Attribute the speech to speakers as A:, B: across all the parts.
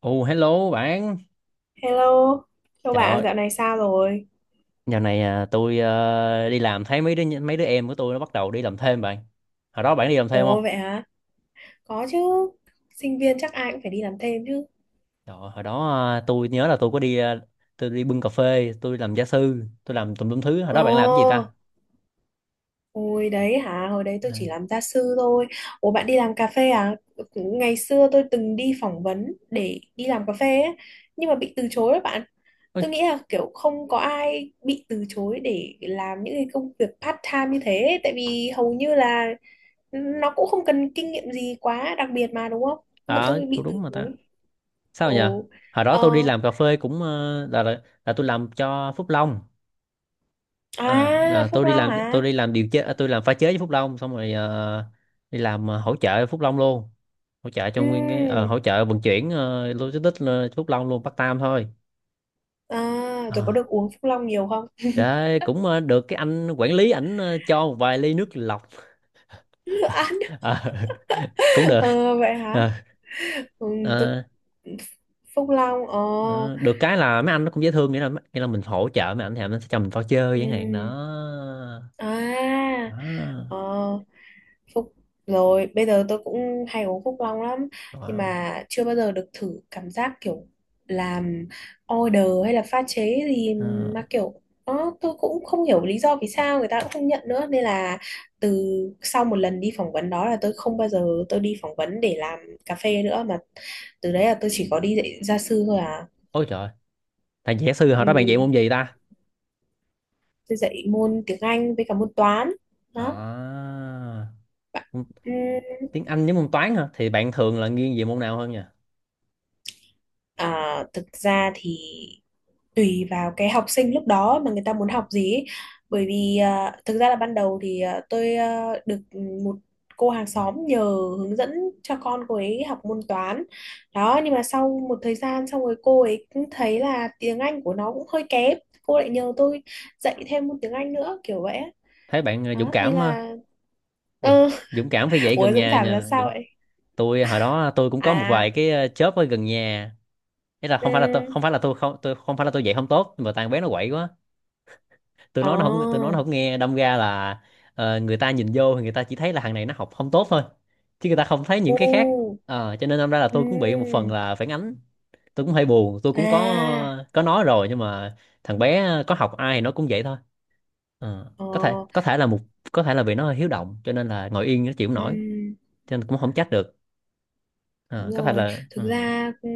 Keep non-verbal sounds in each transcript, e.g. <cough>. A: Ồ, hello bạn.
B: Hello, chào
A: Trời
B: bạn,
A: ơi,
B: dạo này sao rồi?
A: dạo này tôi đi làm thấy mấy đứa em của tôi nó bắt đầu đi làm thêm bạn. Hồi đó bạn đi làm thêm không?
B: Ồ vậy hả? Có chứ, sinh viên chắc ai cũng phải đi làm thêm chứ.
A: Trời ơi, hồi đó tôi nhớ là tôi có đi tôi đi bưng cà phê, tôi làm gia sư, tôi làm tùm lum thứ. Hồi đó bạn làm cái gì
B: Ồ,
A: ta?
B: hồi đấy hả? Hồi đấy tôi
A: À,
B: chỉ làm gia sư thôi. Ồ bạn đi làm cà phê à? Ngày xưa tôi từng đi phỏng vấn để đi làm cà phê ấy, nhưng mà bị từ chối đó bạn. Tôi
A: ôi,
B: nghĩ là kiểu không có ai bị từ chối để làm những cái công việc part time như thế, tại vì hầu như là nó cũng không cần kinh nghiệm gì quá đặc biệt mà, đúng không? Nhưng mà
A: à,
B: tôi
A: cũng
B: bị từ
A: đúng mà ta.
B: chối.
A: Sao nhỉ?
B: Ồ.
A: Hồi đó tôi đi
B: Ờ.
A: làm cà phê cũng ờ, là tôi làm cho Phúc Long.
B: À,
A: Tôi
B: Phúc Long hả?
A: đi làm tôi làm pha chế với Phúc Long, xong rồi đi làm hỗ trợ Phúc Long luôn, hỗ trợ cho
B: Ừ.
A: nguyên cái hỗ trợ vận chuyển, logistics, Phúc Long luôn, Bắc Tam thôi.
B: À, tôi có
A: à,
B: được uống Phúc Long nhiều không?
A: Đấy cũng được cái anh quản lý ảnh cho một vài ly nước lọc.
B: <laughs> Ăn.
A: Ờ, <laughs> cũng được.
B: Ờ, vậy hả?
A: Ờ,
B: Ừ, tôi
A: ờ,
B: Phúc Long. Ờ.
A: ờ, Được cái là mấy anh nó cũng dễ thương, nghĩa là mình hỗ trợ mấy anh thì nó sẽ cho mình voucher
B: Ừ.
A: chẳng hạn đó.
B: À.
A: Đó.
B: Ờ. Phúc rồi bây giờ tôi cũng hay uống Phúc Long lắm, nhưng
A: Wow.
B: mà chưa bao giờ được thử cảm giác kiểu làm order hay là pha chế gì,
A: Ờ.
B: mà kiểu đó tôi cũng không hiểu lý do vì sao người ta cũng không nhận nữa, nên là từ sau một lần đi phỏng vấn đó là tôi không bao giờ tôi đi phỏng vấn để làm cà phê nữa, mà từ đấy là tôi chỉ có đi dạy gia sư thôi à.
A: Ôi trời, thằng kỹ sư hồi
B: ừ,
A: đó bạn dạy môn gì ta?
B: tôi dạy môn tiếng Anh với cả môn toán đó.
A: À,
B: Bạn- ừ,
A: tiếng Anh với môn toán hả? Thì bạn thường là nghiêng về môn nào hơn nhỉ?
B: À, thực ra thì tùy vào cái học sinh lúc đó mà người ta muốn học gì ấy. Bởi vì thực ra là ban đầu thì tôi được một cô hàng xóm nhờ hướng dẫn cho con cô ấy học môn toán đó, nhưng mà sau một thời gian xong rồi cô ấy cũng thấy là tiếng Anh của nó cũng hơi kém, cô lại nhờ tôi dạy thêm môn tiếng Anh nữa kiểu vậy á.
A: Thấy bạn dũng
B: Đó nên
A: cảm,
B: là
A: dũng,
B: ừ.
A: dũng cảm phải
B: <laughs>
A: dạy
B: Ủa,
A: gần
B: Dũng
A: nhà
B: cảm là
A: nha.
B: sao
A: Dũng.
B: vậy?
A: Tôi hồi đó tôi cũng có một vài
B: À
A: cái chớp ở gần nhà. Thế là
B: ừ.
A: không phải là tôi không phải là tôi không phải là tôi dạy không tốt, nhưng mà thằng bé nó quậy quá,
B: Ồ.
A: tôi nói nó không nghe, đâm ra là người ta nhìn vô thì người ta chỉ thấy là thằng này nó học không tốt thôi, chứ người ta không thấy những cái khác.
B: Ừ.
A: Ờ, cho nên đâm ra là
B: Ừ.
A: tôi cũng bị một phần là phản ánh, tôi cũng hơi buồn, tôi cũng
B: À,
A: có nói rồi, nhưng mà thằng bé có học ai thì nó cũng vậy thôi. Ờ,
B: ờ,
A: có thể là một, có thể là vì nó hơi hiếu động cho nên là ngồi yên nó chịu không nổi,
B: ừm,
A: cho nên cũng không trách được.
B: đúng
A: Ờ, có thể
B: rồi,
A: là ừ.
B: thực ra ừ,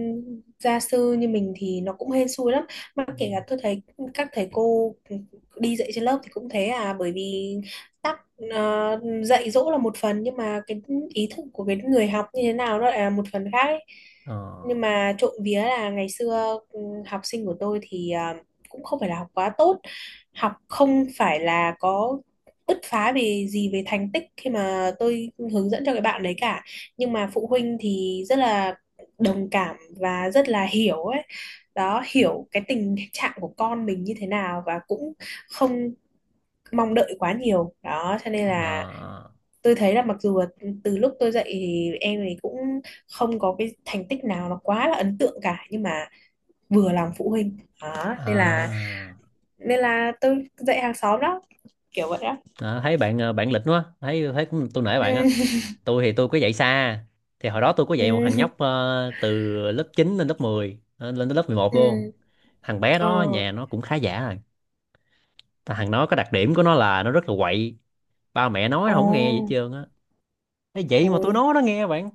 B: gia sư như mình thì nó cũng hên xui lắm. Mà
A: Ừ.
B: kể cả tôi thấy các thầy cô đi dạy trên lớp thì cũng thế à. Bởi vì tắc dạy dỗ là một phần, nhưng mà cái ý thức của cái người học như thế nào nó lại là một phần khác ấy.
A: Ờ,
B: Nhưng mà trộm vía là ngày xưa học sinh của tôi thì cũng không phải là học quá tốt. Học không phải là có bứt phá về gì về thành tích khi mà tôi hướng dẫn cho cái bạn đấy cả, nhưng mà phụ huynh thì rất là đồng cảm và rất là hiểu ấy. Đó, hiểu cái tình trạng của con mình như thế nào và cũng không mong đợi quá nhiều đó, cho nên là
A: à,
B: tôi thấy là mặc dù là từ lúc tôi dạy thì em ấy cũng không có cái thành tích nào nó quá là ấn tượng cả, nhưng mà vừa lòng phụ huynh đó
A: à.
B: nên là tôi dạy hàng xóm đó kiểu vậy đó.
A: À, thấy bạn bạn lịch quá, thấy thấy cũng tôi nể
B: Ừ
A: bạn á. Tôi thì tôi có dạy xa, thì hồi đó tôi có
B: ừ
A: dạy một thằng
B: ừ
A: nhóc từ lớp 9 lên lớp 10, lên tới lớp 11 luôn.
B: ừ.
A: Thằng bé
B: Ờ.
A: đó nhà nó cũng khá giả rồi, thằng nó có đặc điểm của nó là nó rất là quậy, ba mẹ nói nó
B: Ồ.
A: không nghe gì hết trơn á. Ê, vậy mà
B: Ôi
A: tôi nói nó nghe bạn.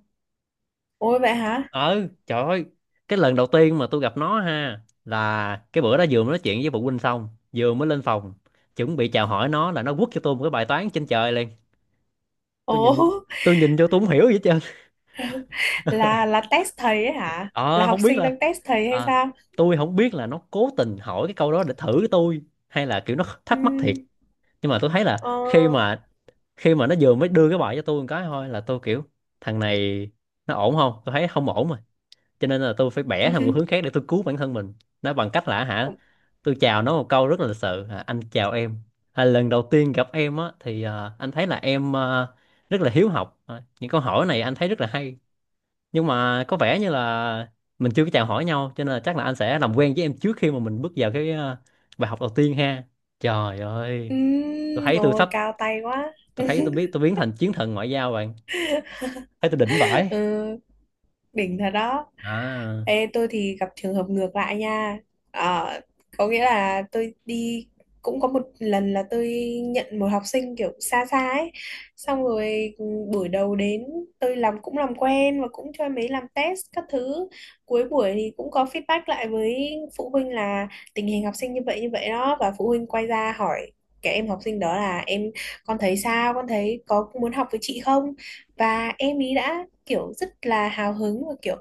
B: ôi vậy hả?
A: Ừ, trời ơi, cái lần đầu tiên mà tôi gặp nó ha, là cái bữa đó vừa mới nói chuyện với phụ huynh xong, vừa mới lên phòng chuẩn bị chào hỏi nó là nó quất cho tôi một cái bài toán trên trời liền.
B: Ồ,
A: tôi nhìn tôi nhìn vô, tôi không hiểu gì hết trơn. <laughs>
B: là test thầy ấy hả, là
A: Ờ, không
B: học
A: biết
B: sinh
A: là
B: đang test thầy hay
A: à,
B: sao?
A: tôi không biết là nó cố tình hỏi cái câu đó để thử tôi, hay là kiểu nó
B: Ừ,
A: thắc mắc thiệt. Nhưng mà tôi thấy là
B: ờ,
A: khi mà khi mà nó vừa mới đưa cái bài cho tôi một cái thôi là tôi kiểu, thằng này nó ổn không, tôi thấy không ổn rồi, cho nên là tôi phải bẻ thành một hướng
B: <laughs>
A: khác để tôi cứu bản thân mình nó bằng cách là hả,
B: ừ,
A: tôi chào nó một câu rất là lịch sự, à, anh chào em, à, lần đầu tiên gặp em á thì à, anh thấy là em à, rất là hiếu học, à, những câu hỏi này anh thấy rất là hay, nhưng mà có vẻ như là mình chưa có chào hỏi nhau, cho nên là chắc là anh sẽ làm quen với em trước khi mà mình bước vào cái bài học đầu tiên ha. Trời
B: ừ,
A: ơi, tôi thấy tôi sắp
B: cao tay quá.
A: tôi thấy tôi biết tôi
B: <laughs>
A: biến thành chiến thần ngoại giao bạn, thấy tôi đỉnh vãi.
B: Ừ. Đỉnh thật đó.
A: À,
B: Ê, tôi thì gặp trường hợp ngược lại nha. Ờ, có nghĩa là tôi đi cũng có một lần là tôi nhận một học sinh kiểu xa xa ấy, xong rồi buổi đầu đến tôi làm cũng làm quen và cũng cho em ấy làm test các thứ. Cuối buổi thì cũng có feedback lại với phụ huynh là tình hình học sinh như vậy đó, và phụ huynh quay ra hỏi cái em học sinh đó là em con thấy sao, con thấy có muốn học với chị không, và em ý đã kiểu rất là hào hứng và kiểu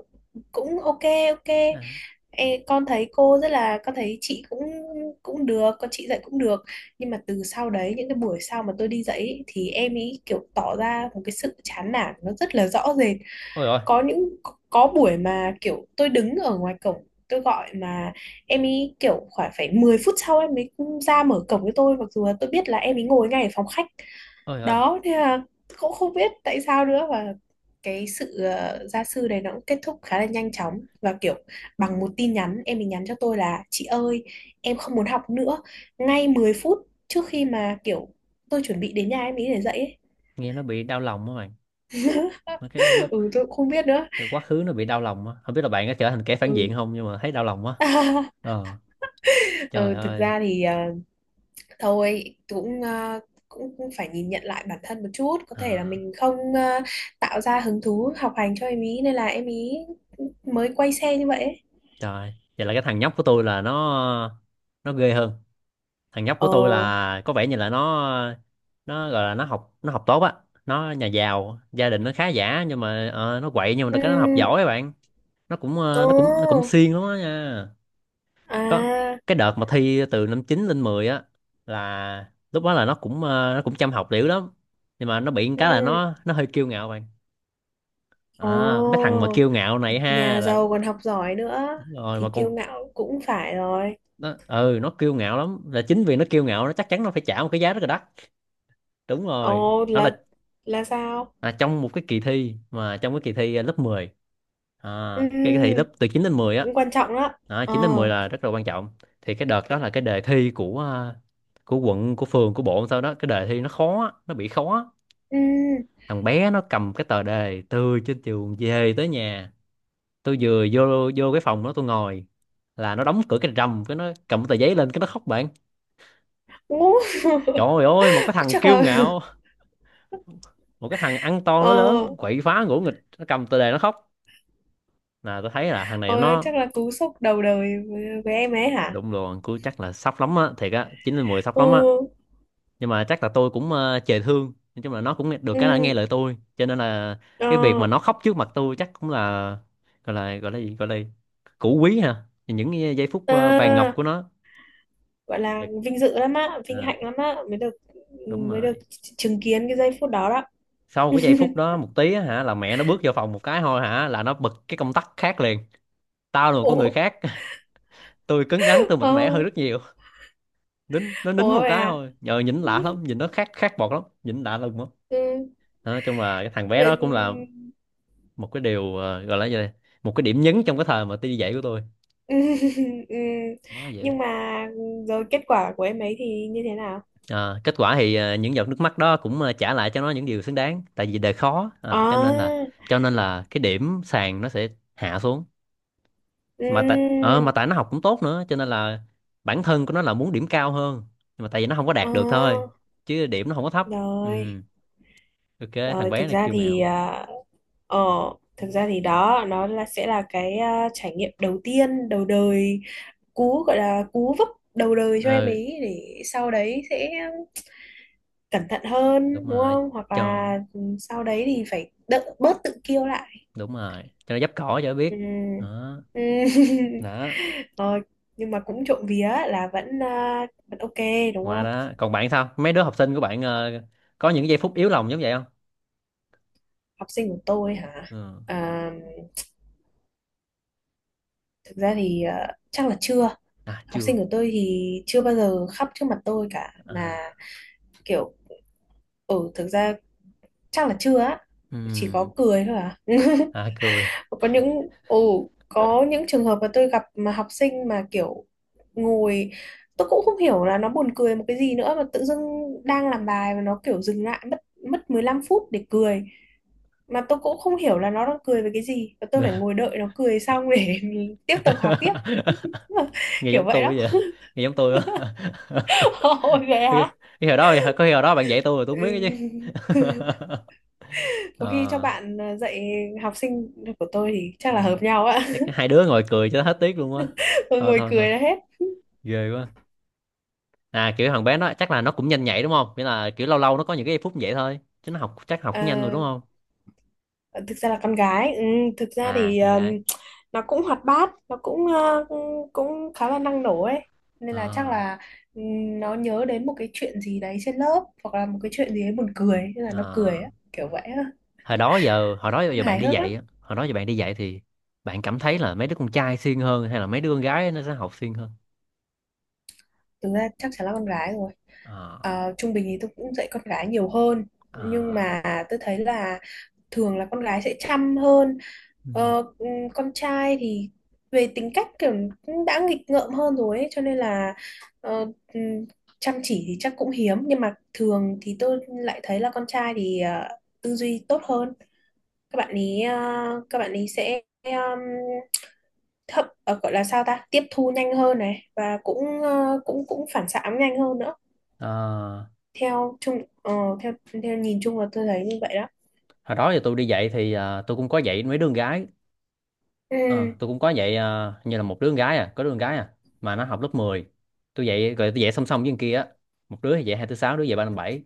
B: cũng ok ok.
A: à.
B: Ê, con thấy cô rất là con thấy chị cũng cũng được, con chị dạy cũng được. Nhưng mà từ sau đấy những cái buổi sau mà tôi đi dạy ý, thì em ấy kiểu tỏ ra một cái sự chán nản nó rất là rõ rệt.
A: Ôi ôi.
B: Có những có buổi mà kiểu tôi đứng ở ngoài cổng tôi gọi mà em ấy kiểu khoảng phải 10 phút sau em ấy ra mở cổng với tôi, mặc dù là tôi biết là em ấy ngồi ngay ở phòng khách.
A: Ôi ôi,
B: Đó thế là cũng không biết tại sao nữa, và cái sự gia sư này nó cũng kết thúc khá là nhanh chóng và kiểu bằng một tin nhắn em ấy nhắn cho tôi là chị ơi em không muốn học nữa, ngay 10 phút trước khi mà kiểu tôi chuẩn bị đến nhà em ấy để dạy ấy.
A: nghe nó bị đau lòng á bạn. Mấy cái
B: <laughs> Ừ, tôi cũng không biết nữa.
A: cái quá khứ nó bị đau lòng á, không biết là bạn có trở thành kẻ phản
B: Ừ,
A: diện không, nhưng mà thấy đau lòng quá.
B: <laughs>
A: Ờ, trời
B: ừ thực
A: ơi.
B: ra thì thôi cũng cũng cũng phải nhìn nhận lại bản thân một chút, có thể là
A: À,
B: mình không tạo ra hứng thú học hành cho em ý nên là em ý mới quay xe như vậy ấy.
A: trời, vậy là cái thằng nhóc của tôi là nó ghê hơn. Thằng nhóc của
B: Ờ.
A: tôi là có vẻ như là nó gọi là nó học tốt á, nó nhà giàu, gia đình nó khá giả, nhưng mà nó quậy, nhưng mà
B: Ừ.
A: cái nó học giỏi á bạn. Nó cũng nó cũng
B: Ồ.
A: siêng lắm á nha. Có
B: À.
A: cái đợt mà thi từ năm 9 lên 10 á, là lúc đó là nó cũng nó cũng chăm học liễu lắm, nhưng mà nó bị một
B: Ừ.
A: cái là nó hơi kiêu ngạo bạn. À, mấy
B: Ồ.
A: thằng mà kiêu ngạo này ha
B: Nhà
A: là,
B: giàu còn học giỏi nữa
A: đúng rồi mà
B: thì kiêu
A: còn,
B: ngạo cũng phải rồi.
A: nó ừ nó kiêu ngạo lắm, là chính vì nó kiêu ngạo, nó chắc chắn nó phải trả một cái giá rất là đắt. Đúng rồi,
B: Ồ,
A: nó là
B: là sao?
A: à, trong một cái kỳ thi mà trong cái kỳ thi à, lớp 10, à,
B: Ừ. Ừ,
A: cái kỳ thi lớp từ 9 đến 10 á.
B: cũng quan trọng đó.
A: Đó,
B: Ờ.
A: 9 đến 10 là rất là quan trọng. Thì cái đợt đó là cái đề thi của của quận, của phường, của bộ, sau đó cái đề thi nó khó á, nó bị khó.
B: Ừ.
A: Thằng bé nó cầm cái tờ đề từ trên trường về tới nhà, tôi vừa vô vô cái phòng đó tôi ngồi, là nó đóng cửa cái rầm, cái nó cầm cái tờ giấy lên cái nó khóc bạn.
B: Ú, <laughs>
A: Trời ơi, một cái thằng
B: chắc
A: kiêu
B: là.
A: ngạo, một cái thằng ăn to
B: Ờ.
A: nó lớn quậy phá ngỗ nghịch, nó cầm tờ đề nó khóc, là tôi thấy là thằng này
B: Ờ,
A: nó
B: chắc là cú sốc đầu đời với em ấy hả.
A: đụng đồ, cứ chắc là sốc lắm á, thiệt á, chín lên mười sốc lắm á.
B: Ừ.
A: Nhưng mà chắc là tôi cũng chề thương, nói chung là nó cũng được cái là nghe
B: Ừ.
A: lời tôi, cho nên là
B: Ờ.
A: cái việc mà nó khóc trước mặt tôi chắc cũng là gọi là cũ quý ha, những cái giây phút vàng ngọc
B: À,
A: của nó.
B: gọi là
A: Thiệt.
B: vinh dự lắm á, vinh
A: À,
B: hạnh lắm á mới được,
A: đúng
B: mới được
A: rồi.
B: chứng kiến cái giây phút đó đó.
A: Sau
B: <laughs>
A: cái giây phút đó một tí á, hả là mẹ nó bước vào phòng một cái thôi, hả là nó bật cái công tắc khác liền, tao là một con người
B: Ủa.
A: khác. <laughs> Tôi cứng rắn, tôi mạnh mẽ hơn
B: Ồ.
A: rất nhiều. Nó nín
B: Ủa
A: một
B: vậy
A: cái
B: à.
A: thôi, nhờ nhìn lạ lắm, nhìn nó khác, khác bọt lắm, nhìn lạ lùng lắm.
B: Ừ,
A: Đó, nói chung là cái thằng bé
B: vậy
A: đó cũng là một cái điều, ờ, gọi là gì đây một cái điểm nhấn trong cái thời mà đi dạy của tôi.
B: ừ, <laughs> ừ.
A: Đó là vậy.
B: Nhưng mà rồi kết quả của em ấy thì như thế nào?
A: À, kết quả thì những giọt nước mắt đó cũng trả lại cho nó những điều xứng đáng, tại vì đời khó à,
B: À
A: cho nên là cái điểm sàn nó sẽ hạ xuống,
B: ừ,
A: mà mà tại nó học cũng tốt nữa, cho nên là bản thân của nó là muốn điểm cao hơn, nhưng mà tại vì nó không có đạt được thôi,
B: à,
A: chứ điểm nó không có thấp. Ừ,
B: rồi
A: ok. Thằng
B: rồi
A: bé
B: thực
A: này
B: ra
A: kiêu
B: thì
A: ngạo.
B: ờ thực ra thì đó nó là sẽ là cái trải nghiệm đầu tiên đầu đời, cú gọi là cú vấp đầu đời cho em
A: Ừ,
B: ấy để sau đấy sẽ cẩn thận
A: đúng
B: hơn đúng
A: rồi,
B: không, hoặc
A: cho
B: là sau đấy thì phải đỡ bớt tự kiêu lại.
A: đúng rồi, cho nó dấp cỏ cho nó
B: Ừ.
A: biết. Đó.
B: Ừ. <laughs>
A: Đó,
B: Ờ, nhưng mà cũng trộm vía là vẫn vẫn ok đúng
A: qua
B: không.
A: đó còn bạn sao, mấy đứa học sinh của bạn có những giây phút yếu lòng giống vậy không?
B: Học sinh của tôi hả?
A: Ừ.
B: À, thực ra thì chắc là chưa.
A: À,
B: Học sinh
A: chưa.
B: của tôi thì chưa bao giờ khóc trước mặt tôi cả mà,
A: À,
B: kiểu ừ thực ra chắc là chưa á. Chỉ có
A: ừm,
B: cười thôi à. <laughs>
A: à, cười.
B: Có những ồ có những trường hợp mà tôi gặp mà học sinh mà kiểu ngồi tôi cũng không hiểu là nó buồn cười một cái gì nữa mà tự dưng đang làm bài mà nó kiểu dừng lại mất mất 15 phút để cười, mà tôi cũng không hiểu là nó đang cười về cái gì và tôi phải ngồi
A: <laughs>
B: đợi nó cười xong để <laughs> tiếp tục học tiếp. <laughs>
A: Nghe
B: Kiểu
A: giống
B: vậy đó.
A: tôi vậy. Nghe giống tôi quá. <laughs>
B: <laughs> Ôi vậy
A: Cái
B: hả?
A: hồi đó bạn dạy tôi rồi tôi không biết cái chứ.
B: Ừ.
A: <laughs>
B: Có khi cho
A: Ờ,
B: bạn dạy học sinh của tôi thì chắc là hợp nhau á.
A: chắc hai đứa ngồi cười cho hết tiếc luôn á.
B: <laughs> Tôi
A: Thôi
B: ngồi
A: thôi thôi,
B: cười là hết.
A: ghê quá. À, kiểu thằng bé nó chắc là nó cũng nhanh nhạy đúng không, nghĩa là kiểu lâu lâu nó có những cái phút như vậy thôi chứ nó học chắc học cũng nhanh rồi đúng
B: Ờ,
A: không?
B: ờ, thực ra là con gái ừ, thực ra
A: À,
B: thì
A: con gái.
B: nó cũng hoạt bát, nó cũng cũng cũng khá là năng nổ ấy, nên là chắc
A: À,
B: là nó nhớ đến một cái chuyện gì đấy trên lớp hoặc là một cái chuyện gì đấy buồn cười nên là nó cười
A: à.
B: á, kiểu vậy á.
A: Hồi đó giờ hồi đó giờ bạn
B: Hài
A: đi
B: hước lắm.
A: dạy á, Hồi đó giờ bạn đi dạy thì bạn cảm thấy là mấy đứa con trai siêng hơn hay là mấy đứa con gái nó sẽ học siêng hơn?
B: Thực ra chắc chắn là con gái rồi.
A: À,
B: Ờ, trung bình thì tôi cũng dạy con gái nhiều hơn, nhưng
A: à,
B: mà tôi thấy là thường là con gái sẽ chăm hơn.
A: ừ.
B: Ờ, con trai thì về tính cách kiểu cũng đã nghịch ngợm hơn rồi ấy, cho nên là ờ, ừm, chăm chỉ thì chắc cũng hiếm, nhưng mà thường thì tôi lại thấy là con trai thì tư duy tốt hơn. Các bạn ý các bạn ý sẽ thậm gọi là sao ta, tiếp thu nhanh hơn này và cũng cũng cũng phản xạ nhanh hơn nữa.
A: À,
B: Theo chung ờ, theo theo nhìn chung là tôi thấy như vậy đó.
A: hồi đó giờ tôi đi dạy thì tôi cũng có dạy mấy đứa con gái.
B: Ừ.
A: Ờ, tôi cũng có dạy như là một đứa con gái, có đứa con gái à, mà nó học lớp 10. Tôi dạy song song với con kia á. Một đứa thì dạy 2 4 6 đứa dạy 3 5 7.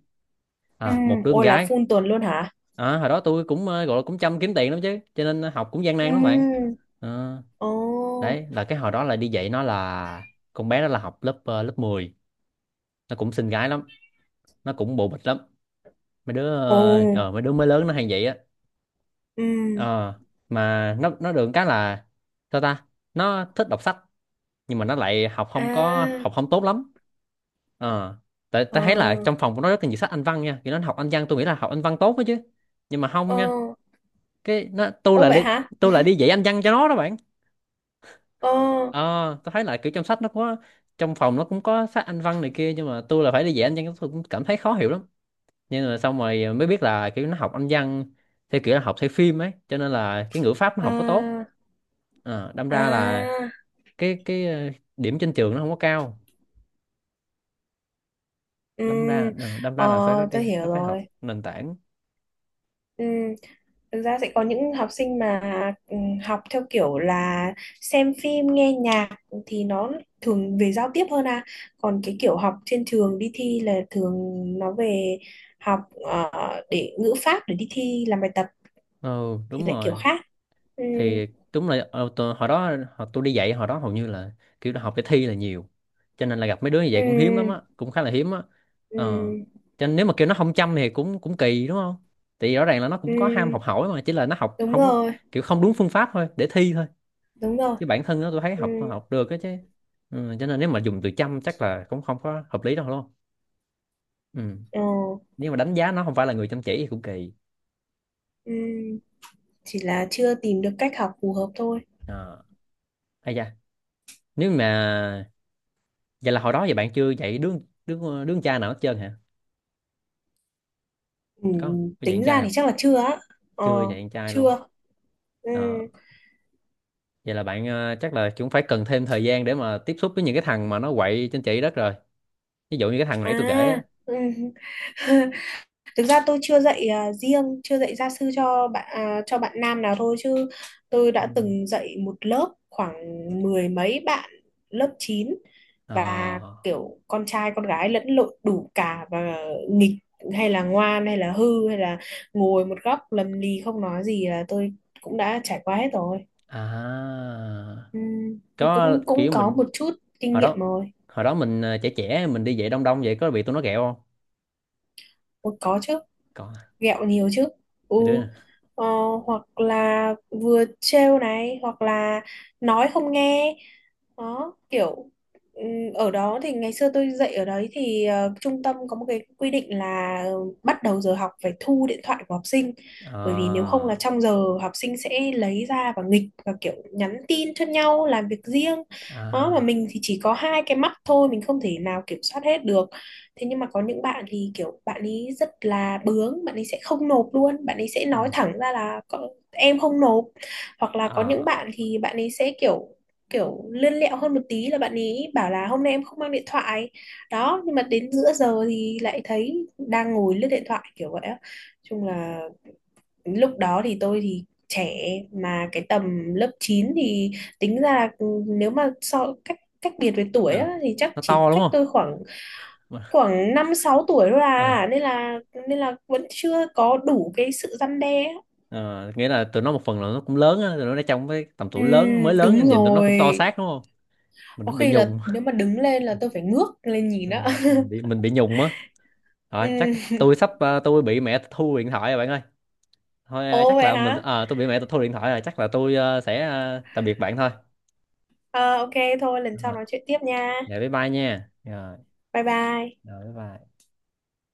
B: Ừ.
A: Một đứa con
B: Ôi là
A: gái.
B: phun tuần luôn hả?
A: Hồi đó tôi cũng ờ, gọi là cũng chăm kiếm tiền lắm chứ, cho nên học cũng gian
B: Ừ.
A: nan lắm bạn. Ờ,
B: Ồ.
A: đấy là cái hồi đó là đi dạy, nó là con bé đó, là học lớp mười. Nó cũng xinh gái lắm, nó cũng bộ bịch lắm. Mấy đứa
B: Ồ.
A: ờ, ờ, mấy đứa mới lớn nó hay vậy á.
B: Ừ.
A: Ờ, mà nó được cái là, sao ta? Nó thích đọc sách nhưng mà nó lại học không có
B: À.
A: học không tốt lắm. ờ tại
B: Ờ.
A: tại thấy là trong phòng của nó rất là nhiều sách Anh văn nha, thì nó học Anh văn, tôi nghĩ là học Anh văn tốt đó chứ. Nhưng mà không
B: Ờ.
A: nha. Cái nó tôi
B: Ô
A: là
B: vậy
A: đi,
B: hả?
A: Tôi là đi dạy Anh văn cho nó đó bạn.
B: Ờ.
A: ờ tôi thấy là kiểu trong phòng nó cũng có sách Anh văn này kia, nhưng mà tôi là phải đi dạy Anh văn, tôi cũng cảm thấy khó hiểu lắm. Nhưng mà xong rồi mới biết là kiểu nó học Anh văn theo kiểu là học theo phim ấy, cho nên là cái ngữ pháp nó không có tốt.
B: À.
A: Đâm ra là
B: À.
A: cái cái ờ, điểm trên trường nó không có cao.
B: Ừ.
A: đâm ra ờ, đâm
B: Ờ.
A: ra là phải có
B: Tôi
A: đi
B: hiểu
A: nó phải học
B: rồi.
A: nền tảng.
B: Ừ, thực ra sẽ có những học sinh mà ừ, học theo kiểu là xem phim, nghe nhạc thì nó thường về giao tiếp hơn à. Còn cái kiểu học trên trường đi thi là thường nó về học ờ, để ngữ pháp để đi thi làm bài tập
A: Ừ,
B: thì
A: đúng
B: lại kiểu
A: rồi.
B: khác. Ừ,
A: Thì đúng là, tôi đi dạy hồi đó hầu như là kiểu là học để thi là nhiều, cho nên là gặp mấy đứa như
B: ừ,
A: vậy cũng hiếm lắm á, cũng khá là hiếm á.
B: ừ,
A: ờ cho nên nếu mà kêu nó không chăm thì cũng cũng kỳ đúng không? Thì rõ ràng là nó cũng có ham
B: ừ,
A: học hỏi, mà chỉ là nó học
B: đúng
A: không có
B: rồi,
A: kiểu không đúng phương pháp thôi, để thi thôi.
B: đúng rồi.
A: Chứ bản thân nó tôi thấy
B: Ừ,
A: học học được á chứ. Ừ, cho nên nếu mà dùng từ chăm chắc là cũng không có hợp lý đâu luôn. Ừ.
B: ờ,
A: Nếu mà đánh giá nó không phải là người chăm chỉ thì cũng kỳ.
B: ừ, chỉ là chưa tìm được cách học phù hợp thôi.
A: Ờ. Ây da, nếu mà vậy là hồi đó vậy bạn chưa dạy đứa đứa đứa con trai nào hết trơn hả?
B: Ừ,
A: Có không? Có dạy con
B: tính ra
A: trai
B: thì
A: không?
B: chắc là chưa á. Ờ,
A: Chưa dạy con trai luôn.
B: chưa. Ừ.
A: Đó. Vậy là bạn, chắc là cũng phải cần thêm thời gian để mà tiếp xúc với những cái thằng mà nó quậy trên chỉ đất rồi, ví dụ như cái thằng nãy tôi kể á.
B: À. Ừ. <laughs> Thực ra tôi chưa dạy riêng, chưa dạy gia sư cho bạn cho bạn nam nào thôi chứ tôi
A: Ừ.
B: đã từng dạy một lớp khoảng mười mấy bạn lớp 9
A: ờ
B: và kiểu con trai con gái lẫn lộn đủ cả, và nghịch hay là ngoan hay là hư hay là ngồi một góc lầm lì không nói gì là tôi cũng đã trải qua hết rồi.
A: à
B: Ừ.
A: có
B: Cũng cũng
A: kiểu
B: có
A: mình,
B: một chút kinh
A: hồi
B: nghiệm
A: đó
B: rồi.
A: hồi đó mình trẻ trẻ mình đi dạy đông đông vậy, có bị tụi nó ghẹo không?
B: Ủa, có chứ.
A: Có,
B: Ghẹo nhiều chứ. Ừ.
A: mấy đứa nè.
B: Ờ, hoặc là vừa trêu này hoặc là nói không nghe đó, kiểu ở đó thì ngày xưa tôi dạy ở đấy thì trung tâm có một cái quy định là bắt đầu giờ học phải thu điện thoại của học sinh,
A: ờ
B: bởi vì nếu không là trong giờ học sinh sẽ lấy ra và nghịch và kiểu nhắn tin cho nhau làm việc riêng. Đó mà
A: à
B: mình thì chỉ có hai cái mắt thôi, mình không thể nào kiểm soát hết được. Thế nhưng mà có những bạn thì kiểu bạn ấy rất là bướng, bạn ấy sẽ không nộp luôn, bạn ấy sẽ
A: ờ
B: nói thẳng ra là "Cậu- em không nộp". Hoặc là có những
A: ờ
B: bạn thì bạn ấy sẽ kiểu kiểu lươn lẹo hơn một tí là bạn ý bảo là hôm nay em không mang điện thoại. Đó nhưng mà đến giữa giờ thì lại thấy đang ngồi lướt điện thoại kiểu vậy á. Chung là lúc đó thì tôi thì trẻ, mà cái tầm lớp 9 thì tính ra là ừ, nếu mà so cách cách biệt với tuổi
A: ờ.
B: á, thì chắc
A: Nó
B: chỉ
A: to đúng
B: cách
A: không?
B: tôi khoảng khoảng 5, 6 tuổi thôi
A: Ờ.
B: à, nên là vẫn chưa có đủ cái sự răn đe á.
A: Ờ, nghĩa là tụi nó một phần là nó cũng lớn á, tụi nó đã trong cái tầm
B: Ừ,
A: tuổi lớn, mới
B: đúng
A: lớn, nhìn tụi nó cũng to
B: rồi.
A: xác đúng không? Mình
B: Có
A: cũng bị
B: khi là
A: nhùng.
B: nếu mà đứng lên là tôi phải ngước lên nhìn
A: Ờ,
B: á.
A: mình bị nhùng á.
B: <laughs>
A: Rồi chắc
B: Ừ.
A: tôi sắp, tôi bị mẹ thu điện thoại rồi bạn ơi. Thôi ờ,
B: Ồ
A: chắc
B: vậy
A: là mình
B: hả?
A: ờ, tôi bị mẹ thu điện thoại rồi, chắc là tôi sẽ tạm biệt bạn thôi.
B: Ờ, ok, thôi lần sau
A: Rồi,
B: nói chuyện tiếp nha.
A: dạ bye bye nha. Rồi,
B: Bye bye.
A: rồi bye bye.